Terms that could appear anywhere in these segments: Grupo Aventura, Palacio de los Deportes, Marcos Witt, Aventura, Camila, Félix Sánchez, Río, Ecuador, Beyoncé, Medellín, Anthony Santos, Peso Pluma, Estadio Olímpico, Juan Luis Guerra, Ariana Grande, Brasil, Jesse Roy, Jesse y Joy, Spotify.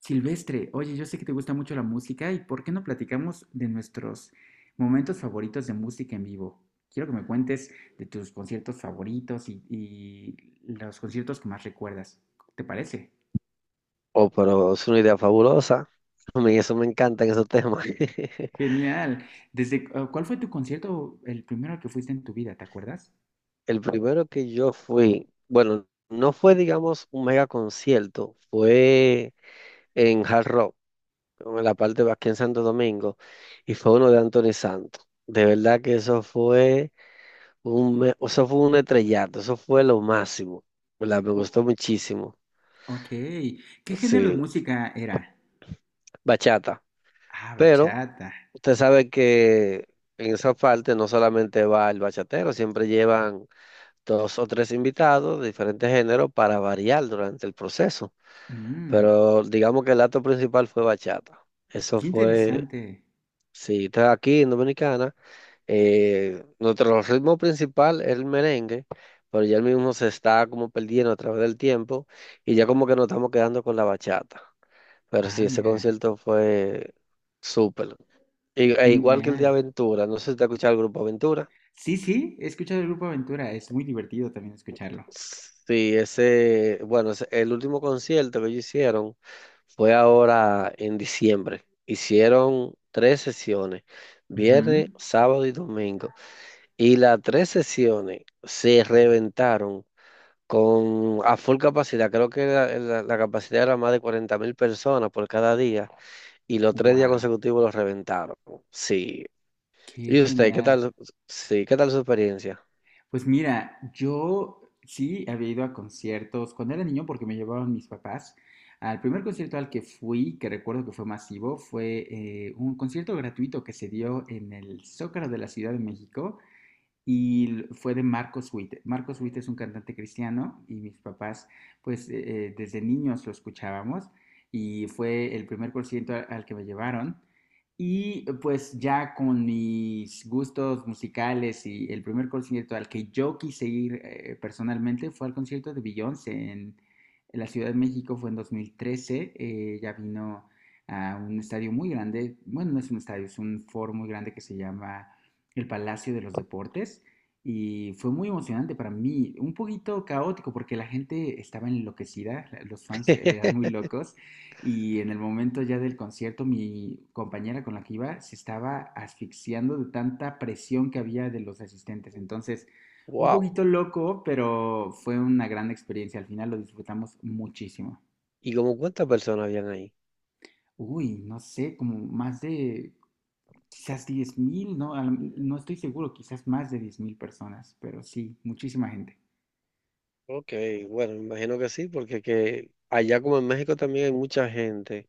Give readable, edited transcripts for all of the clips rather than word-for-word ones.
Silvestre, oye, yo sé que te gusta mucho la música y ¿por qué no platicamos de nuestros momentos favoritos de música en vivo? Quiero que me cuentes de tus conciertos favoritos y los conciertos que más recuerdas. ¿Te parece? Oh, pero es una idea fabulosa. A mí eso me encantan esos temas. Genial. ¿Cuál fue tu concierto, el primero al que fuiste en tu vida? ¿Te acuerdas? El primero que yo fui, bueno, no fue, digamos, un mega concierto, fue en Hard Rock, en la parte de aquí en Santo Domingo, y fue uno de Anthony Santos. De verdad que eso fue eso fue un estrellato, eso fue lo máximo, ¿verdad? Me Oh, gustó muchísimo. ok. ¿Qué género de Sí, música era? bachata. Ah, Pero bachata. usted sabe que en esa parte no solamente va el bachatero, siempre llevan dos o tres invitados de diferentes géneros para variar durante el proceso. Mm, Pero digamos que el acto principal fue bachata. Eso qué fue. interesante. Sí, estás aquí en Dominicana, nuestro ritmo principal es el merengue, pero ya el mismo se está como perdiendo a través del tiempo y ya como que nos estamos quedando con la bachata. Pero Ah, sí, ese mira. concierto fue súper. E igual que el de Genial. Aventura, no sé si te escuchado el grupo Aventura. Sí, sí, he escuchado el Grupo Aventura, es muy divertido también escucharlo. Sí, ese, bueno, el último concierto que ellos hicieron fue ahora en diciembre. Hicieron tres sesiones, viernes, sábado y domingo. Y las tres sesiones se reventaron con a full capacidad. Creo que la capacidad era más de 40,000 personas por cada día. Y los 3 días Wow, consecutivos los reventaron. Sí. qué ¿Y usted, qué genial. tal? Sí, ¿qué tal su experiencia? Pues mira, yo sí había ido a conciertos cuando era niño porque me llevaban mis papás. Al primer concierto al que fui, que recuerdo que fue masivo, fue un concierto gratuito que se dio en el Zócalo de la Ciudad de México y fue de Marcos Witt. Marcos Witt es un cantante cristiano y mis papás, pues desde niños lo escuchábamos y fue el primer concierto al que me llevaron. Y pues ya con mis gustos musicales y el primer concierto al que yo quise ir personalmente fue al concierto de Beyoncé en la Ciudad de México, fue en 2013, ya vino a un estadio muy grande, bueno, no es un estadio, es un foro muy grande que se llama el Palacio de los Deportes y fue muy emocionante para mí, un poquito caótico porque la gente estaba enloquecida, los fans eran muy locos y en el momento ya del concierto mi compañera con la que iba se estaba asfixiando de tanta presión que había de los asistentes, entonces un Wow. poquito loco, pero fue una gran experiencia, al final lo disfrutamos muchísimo. ¿Y como cuántas personas habían ahí? Uy, no sé, como más de quizás 10 mil, ¿no? No estoy seguro, quizás más de 10 mil personas, pero sí, muchísima gente. Ok, bueno, me imagino que sí, porque que allá como en México también hay mucha gente,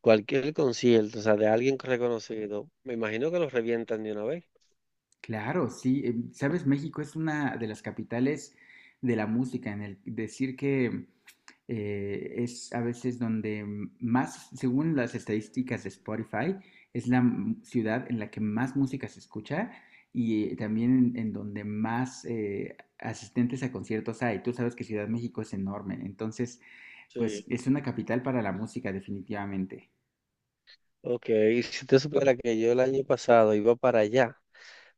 cualquier concierto, o sea, de alguien reconocido, me imagino que los revientan de una vez. Claro, sí, sabes, México es una de las capitales de la música, en el decir que es a veces donde más, según las estadísticas de Spotify, es la ciudad en la que más música se escucha y también en donde más asistentes a conciertos hay. Tú sabes que Ciudad de México es enorme, entonces, pues Sí. es una capital para la música definitivamente. Ok, y si te supiera que yo el año pasado iba para allá,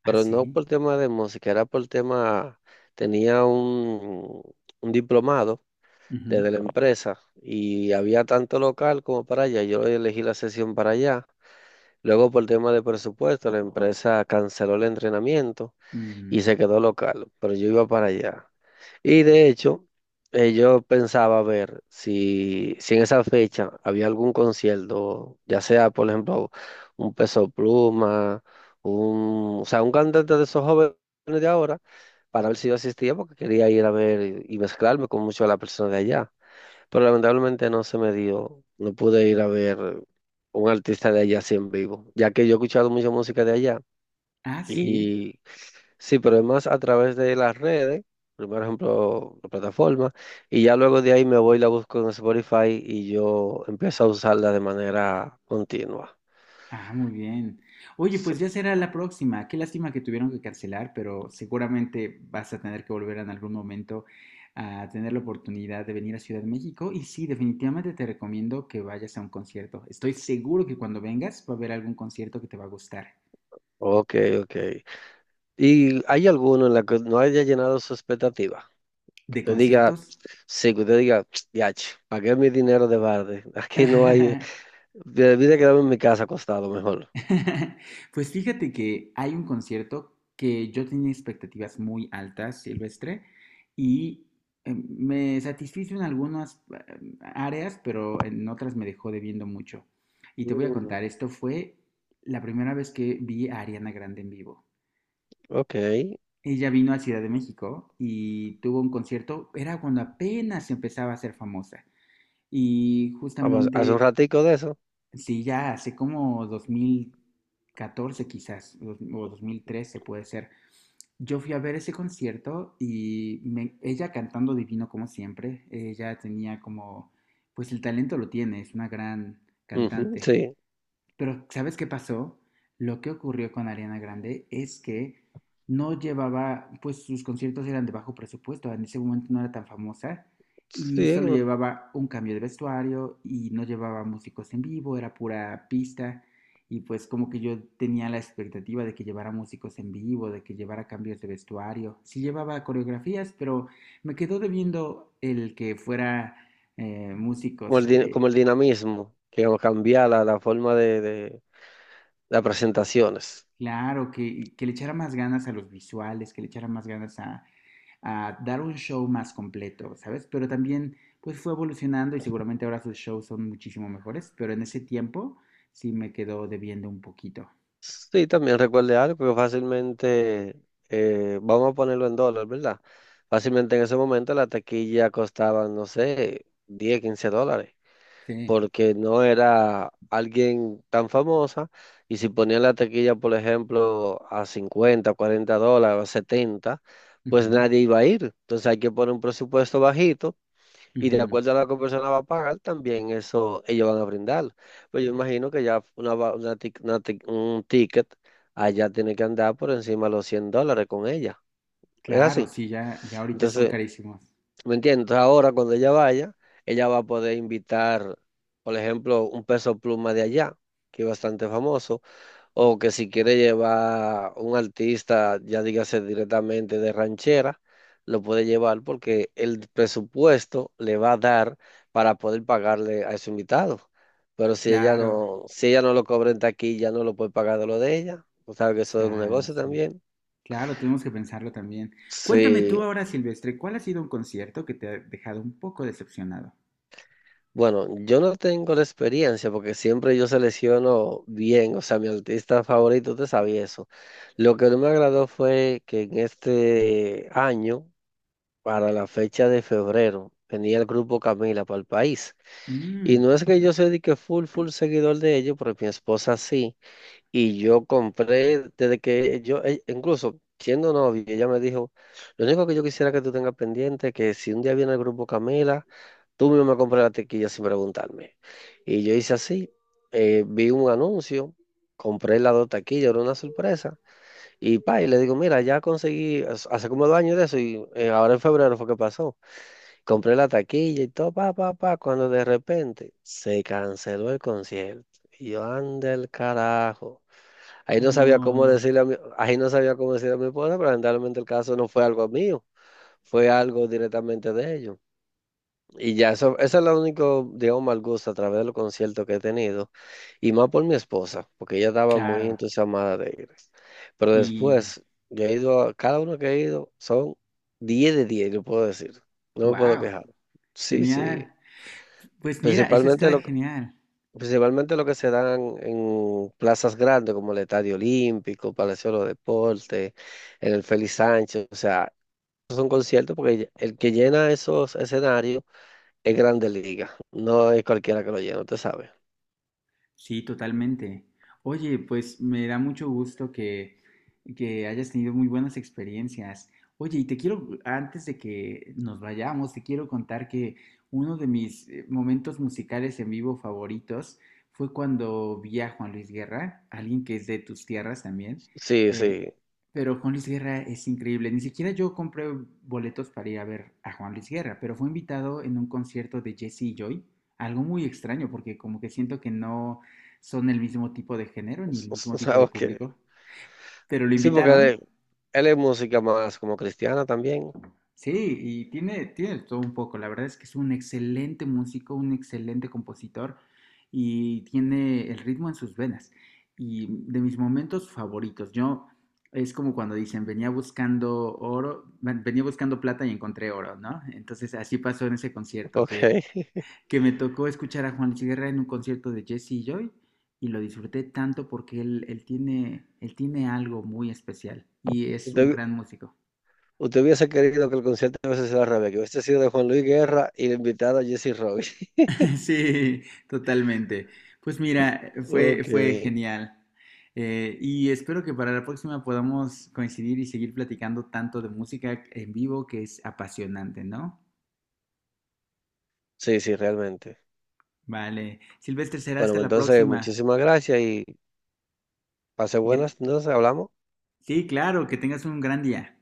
Ah, pero no sí. por tema de música, era por tema, tenía un diplomado Ujú. desde la empresa y había tanto local como para allá, yo elegí la sesión para allá. Luego, por tema de presupuesto, la empresa canceló el entrenamiento y Mm. se quedó local, pero yo iba para allá. Y de hecho, yo pensaba ver si en esa fecha había algún concierto, ya sea, por ejemplo, un Peso Pluma, o sea, un cantante de esos jóvenes de ahora, para ver si yo asistía, porque quería ir a ver y mezclarme con muchas de las personas de allá. Pero lamentablemente no se me dio, no pude ir a ver un artista de allá así en vivo, ya que yo he escuchado mucha música de allá. Ah, sí. Y sí, pero es más a través de las redes, primero ejemplo, la plataforma, y ya luego de ahí me voy y la busco en Spotify y yo empiezo a usarla de manera continua. Ah, muy bien. Oye, Sí. pues ya será la próxima. Qué lástima que tuvieron que cancelar, pero seguramente vas a tener que volver en algún momento a tener la oportunidad de venir a Ciudad de México. Y sí, definitivamente te recomiendo que vayas a un concierto. Estoy seguro que cuando vengas va a haber algún concierto que te va a gustar. Ok, ok. ¿Y hay alguno en la que no haya llenado su expectativa? Que ¿De te diga, conciertos? sí, que te diga, ya, pagué mi dinero de barde. Aquí no hay. Debí de quedarme en mi casa acostado mejor. Pues fíjate que hay un concierto que yo tenía expectativas muy altas, Silvestre, y me satisfizo en algunas áreas, pero en otras me dejó debiendo mucho. Y te voy a Mm, contar, esto fue la primera vez que vi a Ariana Grande en vivo. ok. Ella vino a Ciudad de México y tuvo un concierto, era cuando apenas empezaba a ser famosa. Y Ah, pues, hace un justamente ratico de eso. sí, ya hace como 2014 quizás, o 2013 puede ser. Yo fui a ver ese concierto y ella cantando divino como siempre, ella tenía como, pues el talento lo tiene, es una gran Ujú, cantante. sí. Pero ¿sabes qué pasó? Lo que ocurrió con Ariana Grande es que no llevaba, pues sus conciertos eran de bajo presupuesto, en ese momento no era tan famosa y Sí, solo como llevaba un cambio de vestuario y no llevaba músicos en vivo, era pura pista y pues como que yo tenía la expectativa de que llevara músicos en vivo, de que llevara cambios de vestuario, sí llevaba coreografías, pero me quedó debiendo el que fuera como músicos como el dinamismo, que como cambiar la forma de las presentaciones. claro, que le echara más ganas a los visuales, que le echara más ganas a dar un show más completo, ¿sabes? Pero también, pues fue evolucionando y seguramente ahora sus shows son muchísimo mejores, pero en ese tiempo sí me quedó debiendo un poquito. Sí, también recuerde algo que fácilmente, vamos a ponerlo en dólares, ¿verdad? Fácilmente en ese momento la taquilla costaba, no sé, 10 $15, Sí. porque no era alguien tan famosa. Y si ponían la taquilla, por ejemplo, a 50, $40, 70, pues Ujú, nadie iba a ir. Entonces hay que poner un presupuesto bajito y de ujú. acuerdo a lo que la persona va a pagar, también eso ellos van a brindar. Pero yo imagino que ya una, va- una tic- un ticket allá tiene que andar por encima de los $100 con ella. Es Claro, así. sí, ya, ya ahorita son Entonces, carísimos. ¿me entiendes? Entonces, ahora cuando ella vaya, ella va a poder invitar, por ejemplo, un peso pluma de allá, que es bastante famoso, o que si quiere llevar un artista, ya dígase directamente de ranchera, lo puede llevar porque el presupuesto le va a dar para poder pagarle a su invitado. Pero si ella Claro, no, si ella no lo cobra en taquilla, no lo puede pagar de lo de ella. Tú sabes que eso es un ya, negocio sí. también. Claro, tenemos que pensarlo también. Cuéntame Sí. tú ahora, Silvestre, ¿cuál ha sido un concierto que te ha dejado un poco decepcionado? Bueno, yo no tengo la experiencia porque siempre yo selecciono bien, o sea, mi artista favorito, te sabía eso. Lo que no me agradó fue que en este año, para la fecha de febrero, tenía el grupo Camila para el país. Y Mm, no es que yo sea de que full, full seguidor de ellos, porque mi esposa sí. Y yo compré, desde que yo, incluso siendo novio, ella me dijo, lo único que yo quisiera que tú tengas pendiente es que si un día viene el grupo Camila, tú mismo me compras la tequilla sin preguntarme. Y yo hice así, vi un anuncio, compré las dos taquillas, era una sorpresa, y pa, y le digo, mira, ya conseguí, hace como 2 años de eso, y ahora en febrero fue que pasó. Compré la taquilla y todo, pa, pa, pa, cuando de repente se canceló el concierto. Y yo, anda el carajo. No. Ahí no sabía cómo decirle a mi esposa, pero generalmente el caso no fue algo mío, fue algo directamente de ellos. Y ya eso es lo único, digamos, mal gusto a través de los conciertos que he tenido, y más por mi esposa, porque ella estaba muy Claro. entusiasmada de ir. Pero Y después, yo he ido, cada uno que he ido son 10 de 10 yo puedo decir, no me puedo wow, quejar. Sí, genial. sí, Pues mira, eso principalmente está lo genial. Principalmente lo que se dan en plazas grandes como el Estadio Olímpico, Palacio de los Deportes, en el Félix Sánchez, o sea, son conciertos porque el que llena esos escenarios es Grande Liga, no es cualquiera que lo llena, usted sabe. Sí, totalmente. Oye, pues me da mucho gusto que hayas tenido muy buenas experiencias. Oye, y te quiero, antes de que nos vayamos, te quiero contar que uno de mis momentos musicales en vivo favoritos fue cuando vi a Juan Luis Guerra, alguien que es de tus tierras también. Sí, Eh, sí, pero Juan Luis Guerra es increíble. Ni siquiera yo compré boletos para ir a ver a Juan Luis Guerra, pero fue invitado en un concierto de Jesse y Joy. Algo muy extraño porque como que siento que no son el mismo tipo de género ni el mismo tipo de sabes que público, pero lo sí, porque invitaron. él es música más como cristiana también, Sí, y tiene, tiene todo un poco. La verdad es que es un excelente músico, un excelente compositor y tiene el ritmo en sus venas. Y de mis momentos favoritos, yo es como cuando dicen, venía buscando oro, venía buscando plata y encontré oro, ¿no? Entonces así pasó en ese concierto, ok. que me tocó escuchar a Juan Luis Guerra en un concierto de Jesse Joy y lo disfruté tanto porque él tiene algo muy especial y es un Usted, gran músico. usted hubiese querido que el concierto hubiese sido al revés, que hubiese sido de Juan Luis Guerra y la invitada Jesse Roy. Sí, totalmente. Pues mira, Ok, fue genial. Y espero que para la próxima podamos coincidir y seguir platicando tanto de música en vivo que es apasionante, ¿no? sí, sí, realmente. Vale. Silvestre, será Bueno, hasta pues la entonces próxima. muchísimas gracias y pase Y que, buenas, entonces hablamos. sí, claro, que tengas un gran día.